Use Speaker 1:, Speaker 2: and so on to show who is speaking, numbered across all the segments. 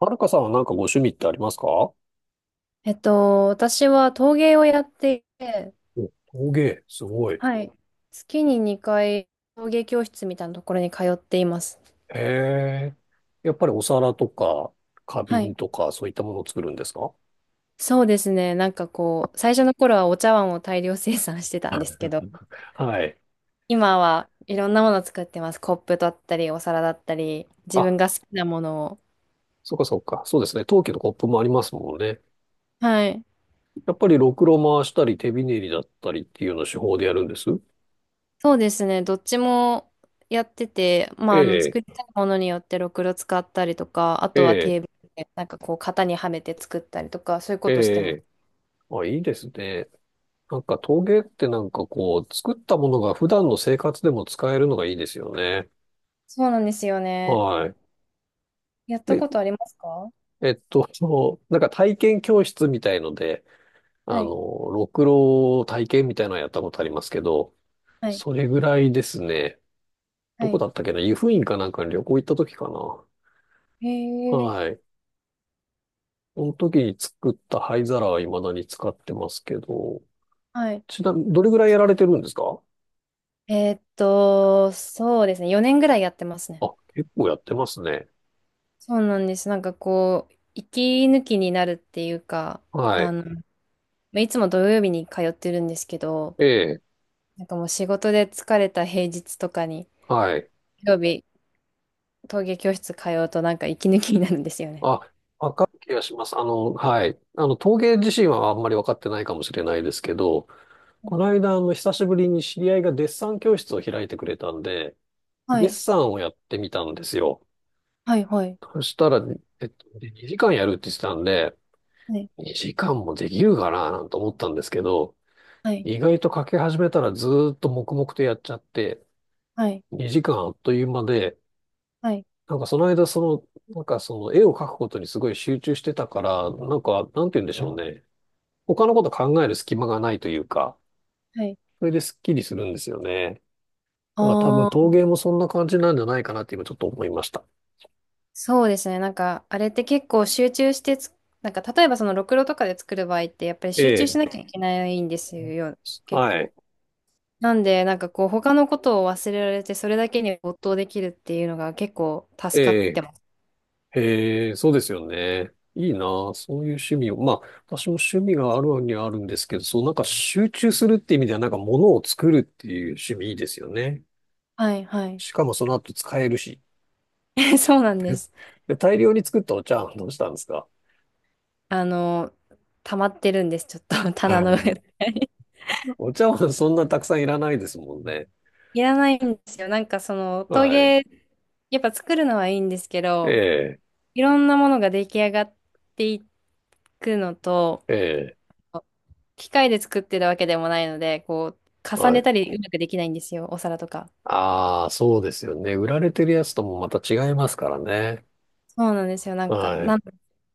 Speaker 1: はるかさんはなんかご趣味ってありますか？
Speaker 2: 私は陶芸をやっていて、
Speaker 1: 陶芸、すごい。へ
Speaker 2: はい。月に2回陶芸教室みたいなところに通っています。
Speaker 1: え。やっぱりお皿とか、花
Speaker 2: は
Speaker 1: 瓶
Speaker 2: い。
Speaker 1: とか、そういったものを作るんですか？
Speaker 2: そうですね。なんかこう、最初の頃はお茶碗を大量生産してたんで すけど、
Speaker 1: はい。
Speaker 2: 今はいろんなものを作ってます。コップだったり、お皿だったり、自
Speaker 1: あ、
Speaker 2: 分が好きなものを。
Speaker 1: そうかそうか。そうですね。陶器のコップもありますもんね。
Speaker 2: はい。
Speaker 1: やっぱりろくろ回したり、手びねりだったりっていうような手法でやるんです。
Speaker 2: そうですね。どっちもやってて、ま
Speaker 1: え
Speaker 2: あ、
Speaker 1: え、
Speaker 2: 作りたいものによってろくろ使ったりとか、あ
Speaker 1: え
Speaker 2: とは
Speaker 1: え、
Speaker 2: テーブルで、なんかこう、型にはめて作ったりとか、そういうこ
Speaker 1: え
Speaker 2: としてます。
Speaker 1: え。あ、いいですね。なんか陶芸ってなんかこう、作ったものが普段の生活でも使えるのがいいですよね。
Speaker 2: そうなんですよね。
Speaker 1: はい。
Speaker 2: やった
Speaker 1: で、
Speaker 2: ことありますか？
Speaker 1: そう、なんか体験教室みたいので、
Speaker 2: はい、
Speaker 1: ろくろ体験みたいなのやったことありますけど、
Speaker 2: はい、
Speaker 1: それぐらいですね。
Speaker 2: は
Speaker 1: どこ
Speaker 2: い。
Speaker 1: だったっけな、湯布院かなんかに旅行行った時かな。
Speaker 2: へえ、
Speaker 1: はい。その時に作った灰皿は未だに使ってますけど、
Speaker 2: はい。
Speaker 1: ちなみに、どれぐらいやられてるんですか？
Speaker 2: そうですね。4年ぐらいやってますね。
Speaker 1: あ、結構やってますね。
Speaker 2: そうなんです。なんかこう、息抜きになるっていうか、
Speaker 1: はい。
Speaker 2: まあいつも土曜日に通ってるんですけど、
Speaker 1: ええ、
Speaker 2: なんかもう仕事で疲れた平日とかに、
Speaker 1: はい。
Speaker 2: 土曜日、陶芸教室通うとなんか息抜きになるんですよね。
Speaker 1: あ、わかる気がします。あの、はい。あの、陶芸自身はあんまりわかってないかもしれないですけど、この間、あの、久しぶりに知り合いがデッサン教室を開いてくれたんで、
Speaker 2: は
Speaker 1: デッ
Speaker 2: い、
Speaker 1: サンをやってみたんですよ。
Speaker 2: はい、はい、
Speaker 1: そしたら、2時間やるって言ってたんで、
Speaker 2: はい、
Speaker 1: 2時間もできるかななんて思ったんですけど、
Speaker 2: はい、
Speaker 1: 意外と書き始めたらずーっと黙々とやっちゃって、
Speaker 2: はい、
Speaker 1: 2時間あっという間で、
Speaker 2: はい。
Speaker 1: なんかその間、その、なんかその絵を描くことにすごい集中してたから、なんか、なんて言うんでしょうね。他のこと考える隙間がないというか、
Speaker 2: はい。
Speaker 1: それですっきりするんですよね。だから多分
Speaker 2: ああー、
Speaker 1: 陶芸もそんな感じなんじゃないかなって今ちょっと思いました。
Speaker 2: そうですね。なんか、あれって結構集中してつ、なんか、例えばその、ろくろとかで作る場合って、やっぱり
Speaker 1: え
Speaker 2: 集中し
Speaker 1: え。
Speaker 2: なきゃいけないんですよ、結
Speaker 1: はい。
Speaker 2: 構。なんで、なんかこう、他のことを忘れられて、それだけに没頭できるっていうのが結構
Speaker 1: え
Speaker 2: 助かっ
Speaker 1: え。
Speaker 2: てます。
Speaker 1: へえ、そうですよね。いいなあ、そういう趣味を。まあ、私も趣味があるにはあるんですけど、そう、なんか集中するって意味では、なんか物を作るっていう趣味いいですよね。
Speaker 2: はい、はい。
Speaker 1: しかもその後使えるし。
Speaker 2: そうなんです。
Speaker 1: で、大量に作ったお茶碗どうしたんですか？
Speaker 2: あの、溜まってるんです、ちょっと、
Speaker 1: は
Speaker 2: 棚の
Speaker 1: い、
Speaker 2: 上で。
Speaker 1: お茶碗そんなたくさんいらないですもんね。
Speaker 2: いらないんですよ。なんかその、陶
Speaker 1: はい。
Speaker 2: 芸、やっぱ作るのはいいんですけ
Speaker 1: え
Speaker 2: ど、
Speaker 1: え、
Speaker 2: いろんなものが出来上がっていくのと、
Speaker 1: ええ、
Speaker 2: 機械で作ってるわけでもないので、こう、重
Speaker 1: は
Speaker 2: ね
Speaker 1: い。
Speaker 2: たりうまくできないんですよ、お皿とか。
Speaker 1: ああ、そうですよね。売られてるやつともまた違いますからね。
Speaker 2: そうなんですよ。
Speaker 1: はい。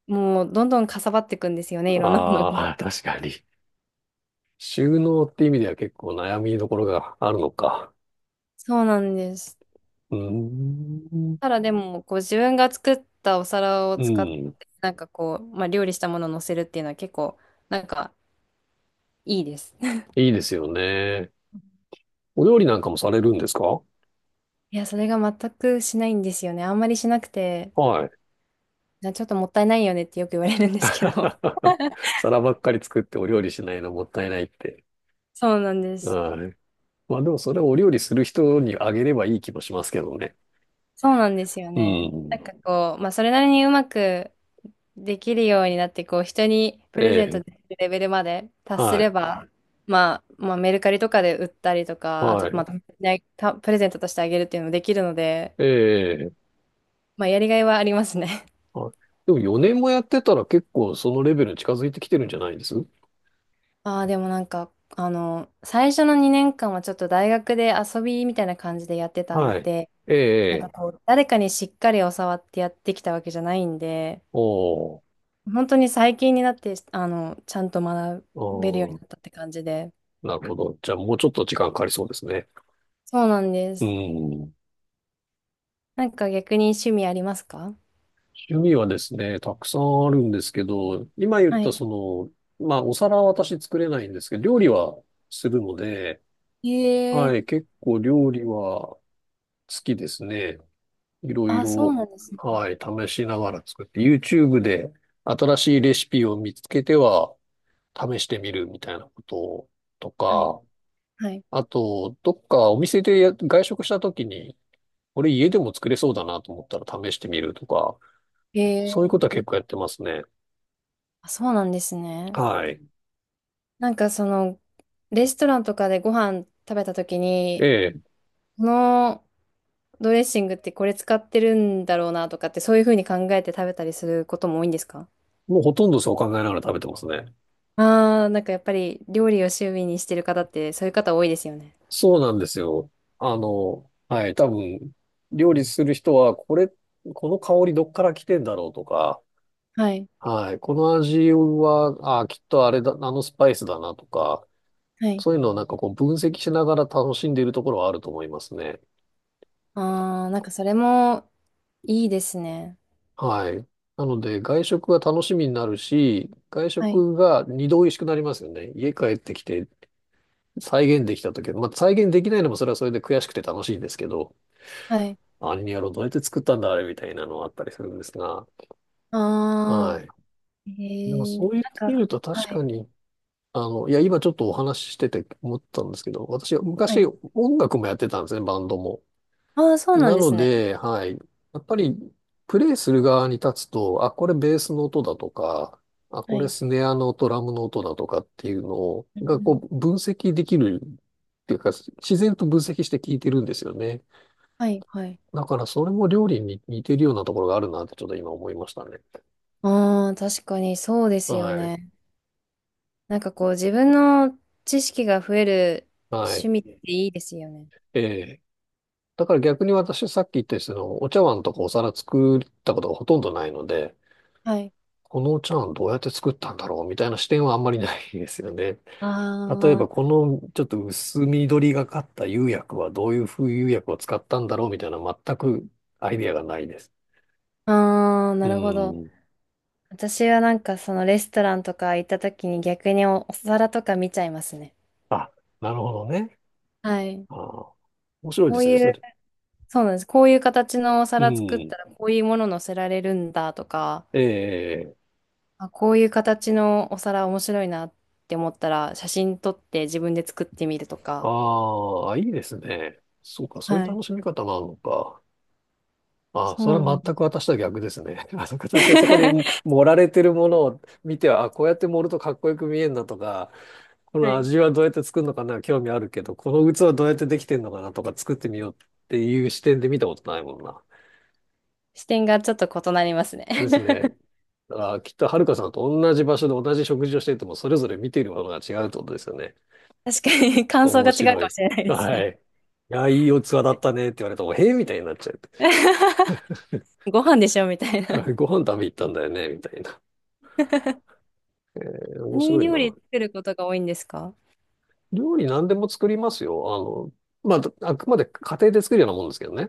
Speaker 2: もう、どんどんかさばっていくんですよね、いろんなものが。
Speaker 1: ああ、確かに。収納って意味では結構悩みどころがあるのか。
Speaker 2: そうなんです。
Speaker 1: うーん。
Speaker 2: ただでも、こう、自分が作ったお皿を
Speaker 1: う
Speaker 2: 使って、
Speaker 1: ん。
Speaker 2: なんかこう、まあ、料理したものを乗せるっていうのは結構、なんか、いいです。
Speaker 1: いいですよね。お料理なんかもされるんですか？
Speaker 2: いや、それが全くしないんですよね。あんまりしなくて、
Speaker 1: はい。
Speaker 2: なちょっともったいないよねってよく言われるんですけど。
Speaker 1: 皿ばっかり作ってお料理しないのもったいないって。
Speaker 2: そうなんです。
Speaker 1: はい。まあでもそれをお料理する人にあげればいい気もしますけどね。
Speaker 2: そうなんですよ
Speaker 1: う
Speaker 2: ね。な
Speaker 1: ん。
Speaker 2: んかこう、まあ、それなりにうまく、できるようになって、こう、人にプ
Speaker 1: え
Speaker 2: レゼント
Speaker 1: え。
Speaker 2: できるレベルまで達す
Speaker 1: は
Speaker 2: れ
Speaker 1: い。
Speaker 2: ば、まあ、メルカリとかで売ったりとか、あ
Speaker 1: は
Speaker 2: と、
Speaker 1: い。
Speaker 2: またねたプレゼントとしてあげるっていうのもできるので、
Speaker 1: え、
Speaker 2: まあ、やりがいはありますね。
Speaker 1: はい。でも4年もやってたら結構そのレベルに近づいてきてるんじゃないです？
Speaker 2: ああ、でもなんか、最初の2年間はちょっと大学で遊びみたいな感じでやってた
Speaker 1: は
Speaker 2: ん
Speaker 1: い。
Speaker 2: で、
Speaker 1: ええ、
Speaker 2: なんか
Speaker 1: ええ。
Speaker 2: こう、誰かにしっかり教わってやってきたわけじゃないんで、
Speaker 1: おー、
Speaker 2: 本当に最近になって、ちゃんと学
Speaker 1: お
Speaker 2: べるように
Speaker 1: ー、
Speaker 2: なったって感じで。
Speaker 1: なるほど。じゃあもうちょっと時間かかりそうですね。
Speaker 2: そうなんで
Speaker 1: う
Speaker 2: す。
Speaker 1: ん。
Speaker 2: なんか逆に趣味ありますか？
Speaker 1: 趣味はですね、たくさんあるんですけど、今言っ
Speaker 2: は
Speaker 1: た
Speaker 2: い。
Speaker 1: その、まあお皿は私作れないんですけど、料理はするので、
Speaker 2: え
Speaker 1: は
Speaker 2: え。
Speaker 1: い、結構料理は好きですね。いろい
Speaker 2: あ、そう
Speaker 1: ろ、
Speaker 2: なんですね。
Speaker 1: はい、試しながら作って、YouTube で新しいレシピを見つけては、試してみるみたいなことと
Speaker 2: はい。
Speaker 1: か、
Speaker 2: はい。
Speaker 1: あと、どっかお店でや外食した時に、これ家でも作れそうだなと思ったら試してみるとか、そういうこ
Speaker 2: ええ。
Speaker 1: とは結構やってますね。
Speaker 2: あ、そうなんですね。
Speaker 1: はい。
Speaker 2: なんかその、レストランとかでご飯食べた時
Speaker 1: え
Speaker 2: に、
Speaker 1: え。
Speaker 2: このドレッシングってこれ使ってるんだろうなとかって、そういうふうに考えて食べたりすることも多いんですか？
Speaker 1: もうほとんどそう考えながら食べてますね。
Speaker 2: ああー、なんかやっぱり料理を趣味にしてる方って、そういう方多いですよね。
Speaker 1: そうなんですよ。あの、はい。多分、料理する人は、これ、この香りどっから来てんだろうとか、
Speaker 2: はい。
Speaker 1: はい。この味は、あ、きっとあれだ、あのスパイスだなとか、
Speaker 2: はい。
Speaker 1: そういうのをなんかこう分析しながら楽しんでいるところはあると思いますね。
Speaker 2: ああ、なんかそれもいいですね。
Speaker 1: はい。なので、外食が楽しみになるし、外
Speaker 2: はい。
Speaker 1: 食が二度美味しくなりますよね。家帰ってきて再現できた時、まあ、再現できないのもそれはそれで悔しくて楽しいんですけど、
Speaker 2: はい。
Speaker 1: あにやろう、どうやって作ったんだ、あれみたいなのはあったりするんですが、
Speaker 2: ああ。
Speaker 1: はい。
Speaker 2: え
Speaker 1: でもそう
Speaker 2: ー、
Speaker 1: 言っ
Speaker 2: なん
Speaker 1: てみ
Speaker 2: か、
Speaker 1: ると確
Speaker 2: は
Speaker 1: か
Speaker 2: い、
Speaker 1: に、あの、いや、今ちょっとお話ししてて思ったんですけど、私は
Speaker 2: は
Speaker 1: 昔
Speaker 2: い。
Speaker 1: 音楽もやってたんですね、バンドも。
Speaker 2: ああ、そうなん
Speaker 1: な
Speaker 2: で
Speaker 1: の
Speaker 2: すね。
Speaker 1: で、はい。やっぱり、プレイする側に立つと、あ、これベースの音だとか、あ、
Speaker 2: は
Speaker 1: これ
Speaker 2: い。
Speaker 1: スネアの音、ラムの音だとかっていうの
Speaker 2: う
Speaker 1: が、こ
Speaker 2: ん。
Speaker 1: う、分析できるっていうか、自然と分析して聞いてるんですよね。
Speaker 2: はい、はい。
Speaker 1: だから、それも料理に似てるようなところがあるなって、ちょっと今思いましたね。
Speaker 2: ああ、確かにそうですよ
Speaker 1: はい。
Speaker 2: ね。なんかこう、自分の知識が増える
Speaker 1: は
Speaker 2: 趣
Speaker 1: い。
Speaker 2: 味っていいですよね。
Speaker 1: ええ。だから逆に私、さっき言ったようにその、お茶碗とかお皿作ったことがほとんどないので、
Speaker 2: はい。
Speaker 1: このお茶碗どうやって作ったんだろうみたいな視点はあんまりないですよね。例えば、
Speaker 2: あ
Speaker 1: このちょっと薄緑がかった釉薬はどういう風釉薬を使ったんだろうみたいな、全くアイデアがないです。
Speaker 2: あ、ああ、
Speaker 1: う
Speaker 2: なるほど。
Speaker 1: ん。
Speaker 2: 私はなんかそのレストランとか行った時に逆にお、お皿とか見ちゃいますね。
Speaker 1: あ、なるほどね。
Speaker 2: はい。
Speaker 1: あー、面白い
Speaker 2: こ
Speaker 1: で
Speaker 2: う
Speaker 1: すね、
Speaker 2: い
Speaker 1: そ
Speaker 2: う、
Speaker 1: れ。
Speaker 2: そうなんです。こういう形のお
Speaker 1: う
Speaker 2: 皿作っ
Speaker 1: ん。
Speaker 2: たらこういうもの乗せられるんだとか、
Speaker 1: ええ。
Speaker 2: あ、こういう形のお皿面白いなって思ったら、写真撮って自分で作ってみるとか。
Speaker 1: ああ、いいですね。そうか、そういう
Speaker 2: はい。
Speaker 1: 楽しみ方もあるのか。ああ、
Speaker 2: そう
Speaker 1: それ
Speaker 2: なん
Speaker 1: は全く
Speaker 2: だ。
Speaker 1: 私とは逆ですね。あの、私はそこに 盛られてるものを見ては、あ、こうやって盛るとかっこよく見えるなとか、こ
Speaker 2: は
Speaker 1: の
Speaker 2: い。
Speaker 1: 味はどうやって作るのかな、興味あるけど、この器どうやってできてるのかなとか作ってみようっていう視点で見たことないもんな。
Speaker 2: 視点がちょっと異なりますね。
Speaker 1: ですね。だからきっとはるかさんと同じ場所で同じ食事をしていても、それぞれ見ているものが違うってことですよね。
Speaker 2: 確かに感想
Speaker 1: 面
Speaker 2: が違う
Speaker 1: 白
Speaker 2: かも
Speaker 1: い。
Speaker 2: しれないです
Speaker 1: は
Speaker 2: ね。
Speaker 1: い。いや、いいお器だったねって言われても、へえみたいになっちゃう。
Speaker 2: ご飯でしょみたい な。
Speaker 1: はい、ご飯食べ行ったんだよね、みたいな。えー面
Speaker 2: 何
Speaker 1: 白い
Speaker 2: 料理
Speaker 1: な。
Speaker 2: 作ることが多いんですか？
Speaker 1: 料理何でも作りますよ。あの、まあ、あくまで家庭で作るようなもんですけどね。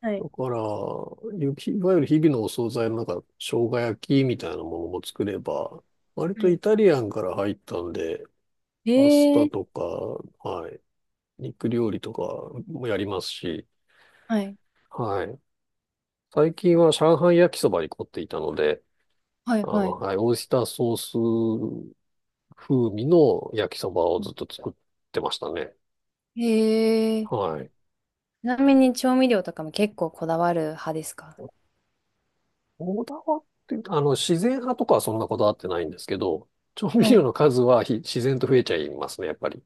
Speaker 2: はい。
Speaker 1: だから、ゆきいわゆる日々のお惣菜のなんか、生姜焼きみたいなものも作れば、割
Speaker 2: は
Speaker 1: と
Speaker 2: い。
Speaker 1: イタリアンから入ったんで、パス
Speaker 2: え
Speaker 1: タ
Speaker 2: ー、
Speaker 1: とか、はい、肉料理とかもやりますし、
Speaker 2: はい。
Speaker 1: はい。最近は上海焼きそばに凝っていたので、
Speaker 2: はい、
Speaker 1: あの、
Speaker 2: はい。
Speaker 1: はい、オイスターソース風味の焼きそばをずっと作ってましたね。
Speaker 2: えー、
Speaker 1: はい。
Speaker 2: ちなみに調味料とかも結構こだわる派ですか？
Speaker 1: こだわっていうと、あの、自然派とかはそんなこだわってないんですけど、調味
Speaker 2: は
Speaker 1: 料
Speaker 2: い。
Speaker 1: の数はひ自然と増えちゃいますね、やっぱり。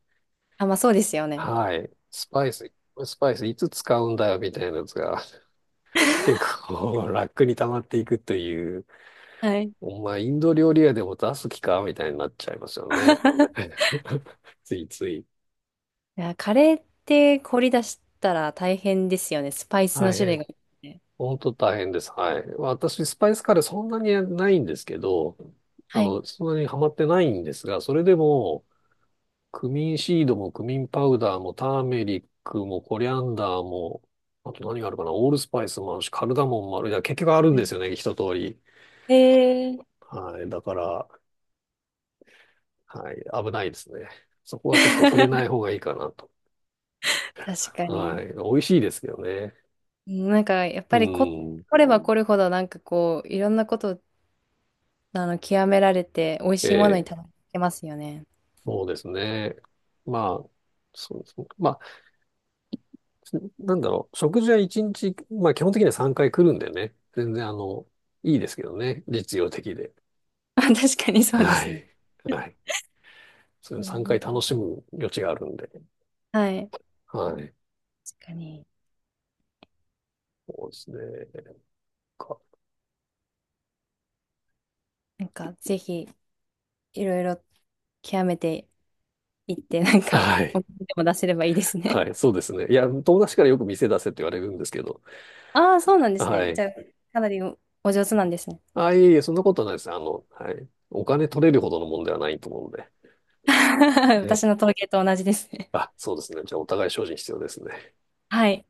Speaker 2: あ、まあそうですよね。
Speaker 1: はい。スパイスいつ使うんだよ、みたいなやつが、結構楽に溜まっていくという、
Speaker 2: はい。
Speaker 1: お前、インド料理屋でも出す気か、みたいになっちゃいますよね。ついつい。
Speaker 2: いや、カレーって凝り出したら大変ですよね。スパイスの
Speaker 1: 大
Speaker 2: 種類
Speaker 1: 変。
Speaker 2: が多くて。
Speaker 1: 本当大変です。はい。私、スパイスカレーそんなにないんですけど、あ
Speaker 2: はい。
Speaker 1: の、そんなにハマってないんですが、それでも、クミンシードもクミンパウダーもターメリックもコリアンダーも、あと何があるかな、オールスパイスもあるし、カルダモンもある。いや、結局あるんですよね、一通り。
Speaker 2: えー。
Speaker 1: はい。だから、はい。危ないですね。そこはちょっと触れない 方がいいかなと。
Speaker 2: 確か
Speaker 1: は
Speaker 2: に。
Speaker 1: い。美味しいですけどね。
Speaker 2: なんか、やっ
Speaker 1: う
Speaker 2: ぱりこ、
Speaker 1: ん。
Speaker 2: 凝れば凝るほど、なんかこう、いろんなこと、極められて、美味
Speaker 1: え
Speaker 2: しいものに
Speaker 1: え、
Speaker 2: たどり着けますよね。
Speaker 1: そうですね。まあ、そうですね。まあ、なんだろう。食事は一日、まあ基本的には3回来るんでね。全然あの、いいですけどね。実用的で。
Speaker 2: あ、確かにそうで
Speaker 1: は
Speaker 2: すね。
Speaker 1: い。はい。そ
Speaker 2: う
Speaker 1: れ3回
Speaker 2: ん。う
Speaker 1: 楽
Speaker 2: ん。
Speaker 1: しむ余地があるんで。
Speaker 2: はい。
Speaker 1: はい。
Speaker 2: 確かに。
Speaker 1: そうですね。か、
Speaker 2: なんか、ぜひ、いろいろ極めていって、なんか、
Speaker 1: は
Speaker 2: お
Speaker 1: い。
Speaker 2: 金でも出せればいいですね。
Speaker 1: はい。そうですね。いや、友達からよく店出せって言われるんですけど。
Speaker 2: ああ、そうなんです
Speaker 1: は
Speaker 2: ね。じ
Speaker 1: い。
Speaker 2: ゃあ、かなりおお上手なんですね。
Speaker 1: あ、いえいえ、そんなことはないです。あの、はい。お金取れるほどのもんではないと思うんで。は
Speaker 2: 私
Speaker 1: い。
Speaker 2: の陶芸と同じですね。
Speaker 1: あ、そうですね。じゃあ、お互い精進必要ですね。
Speaker 2: はい。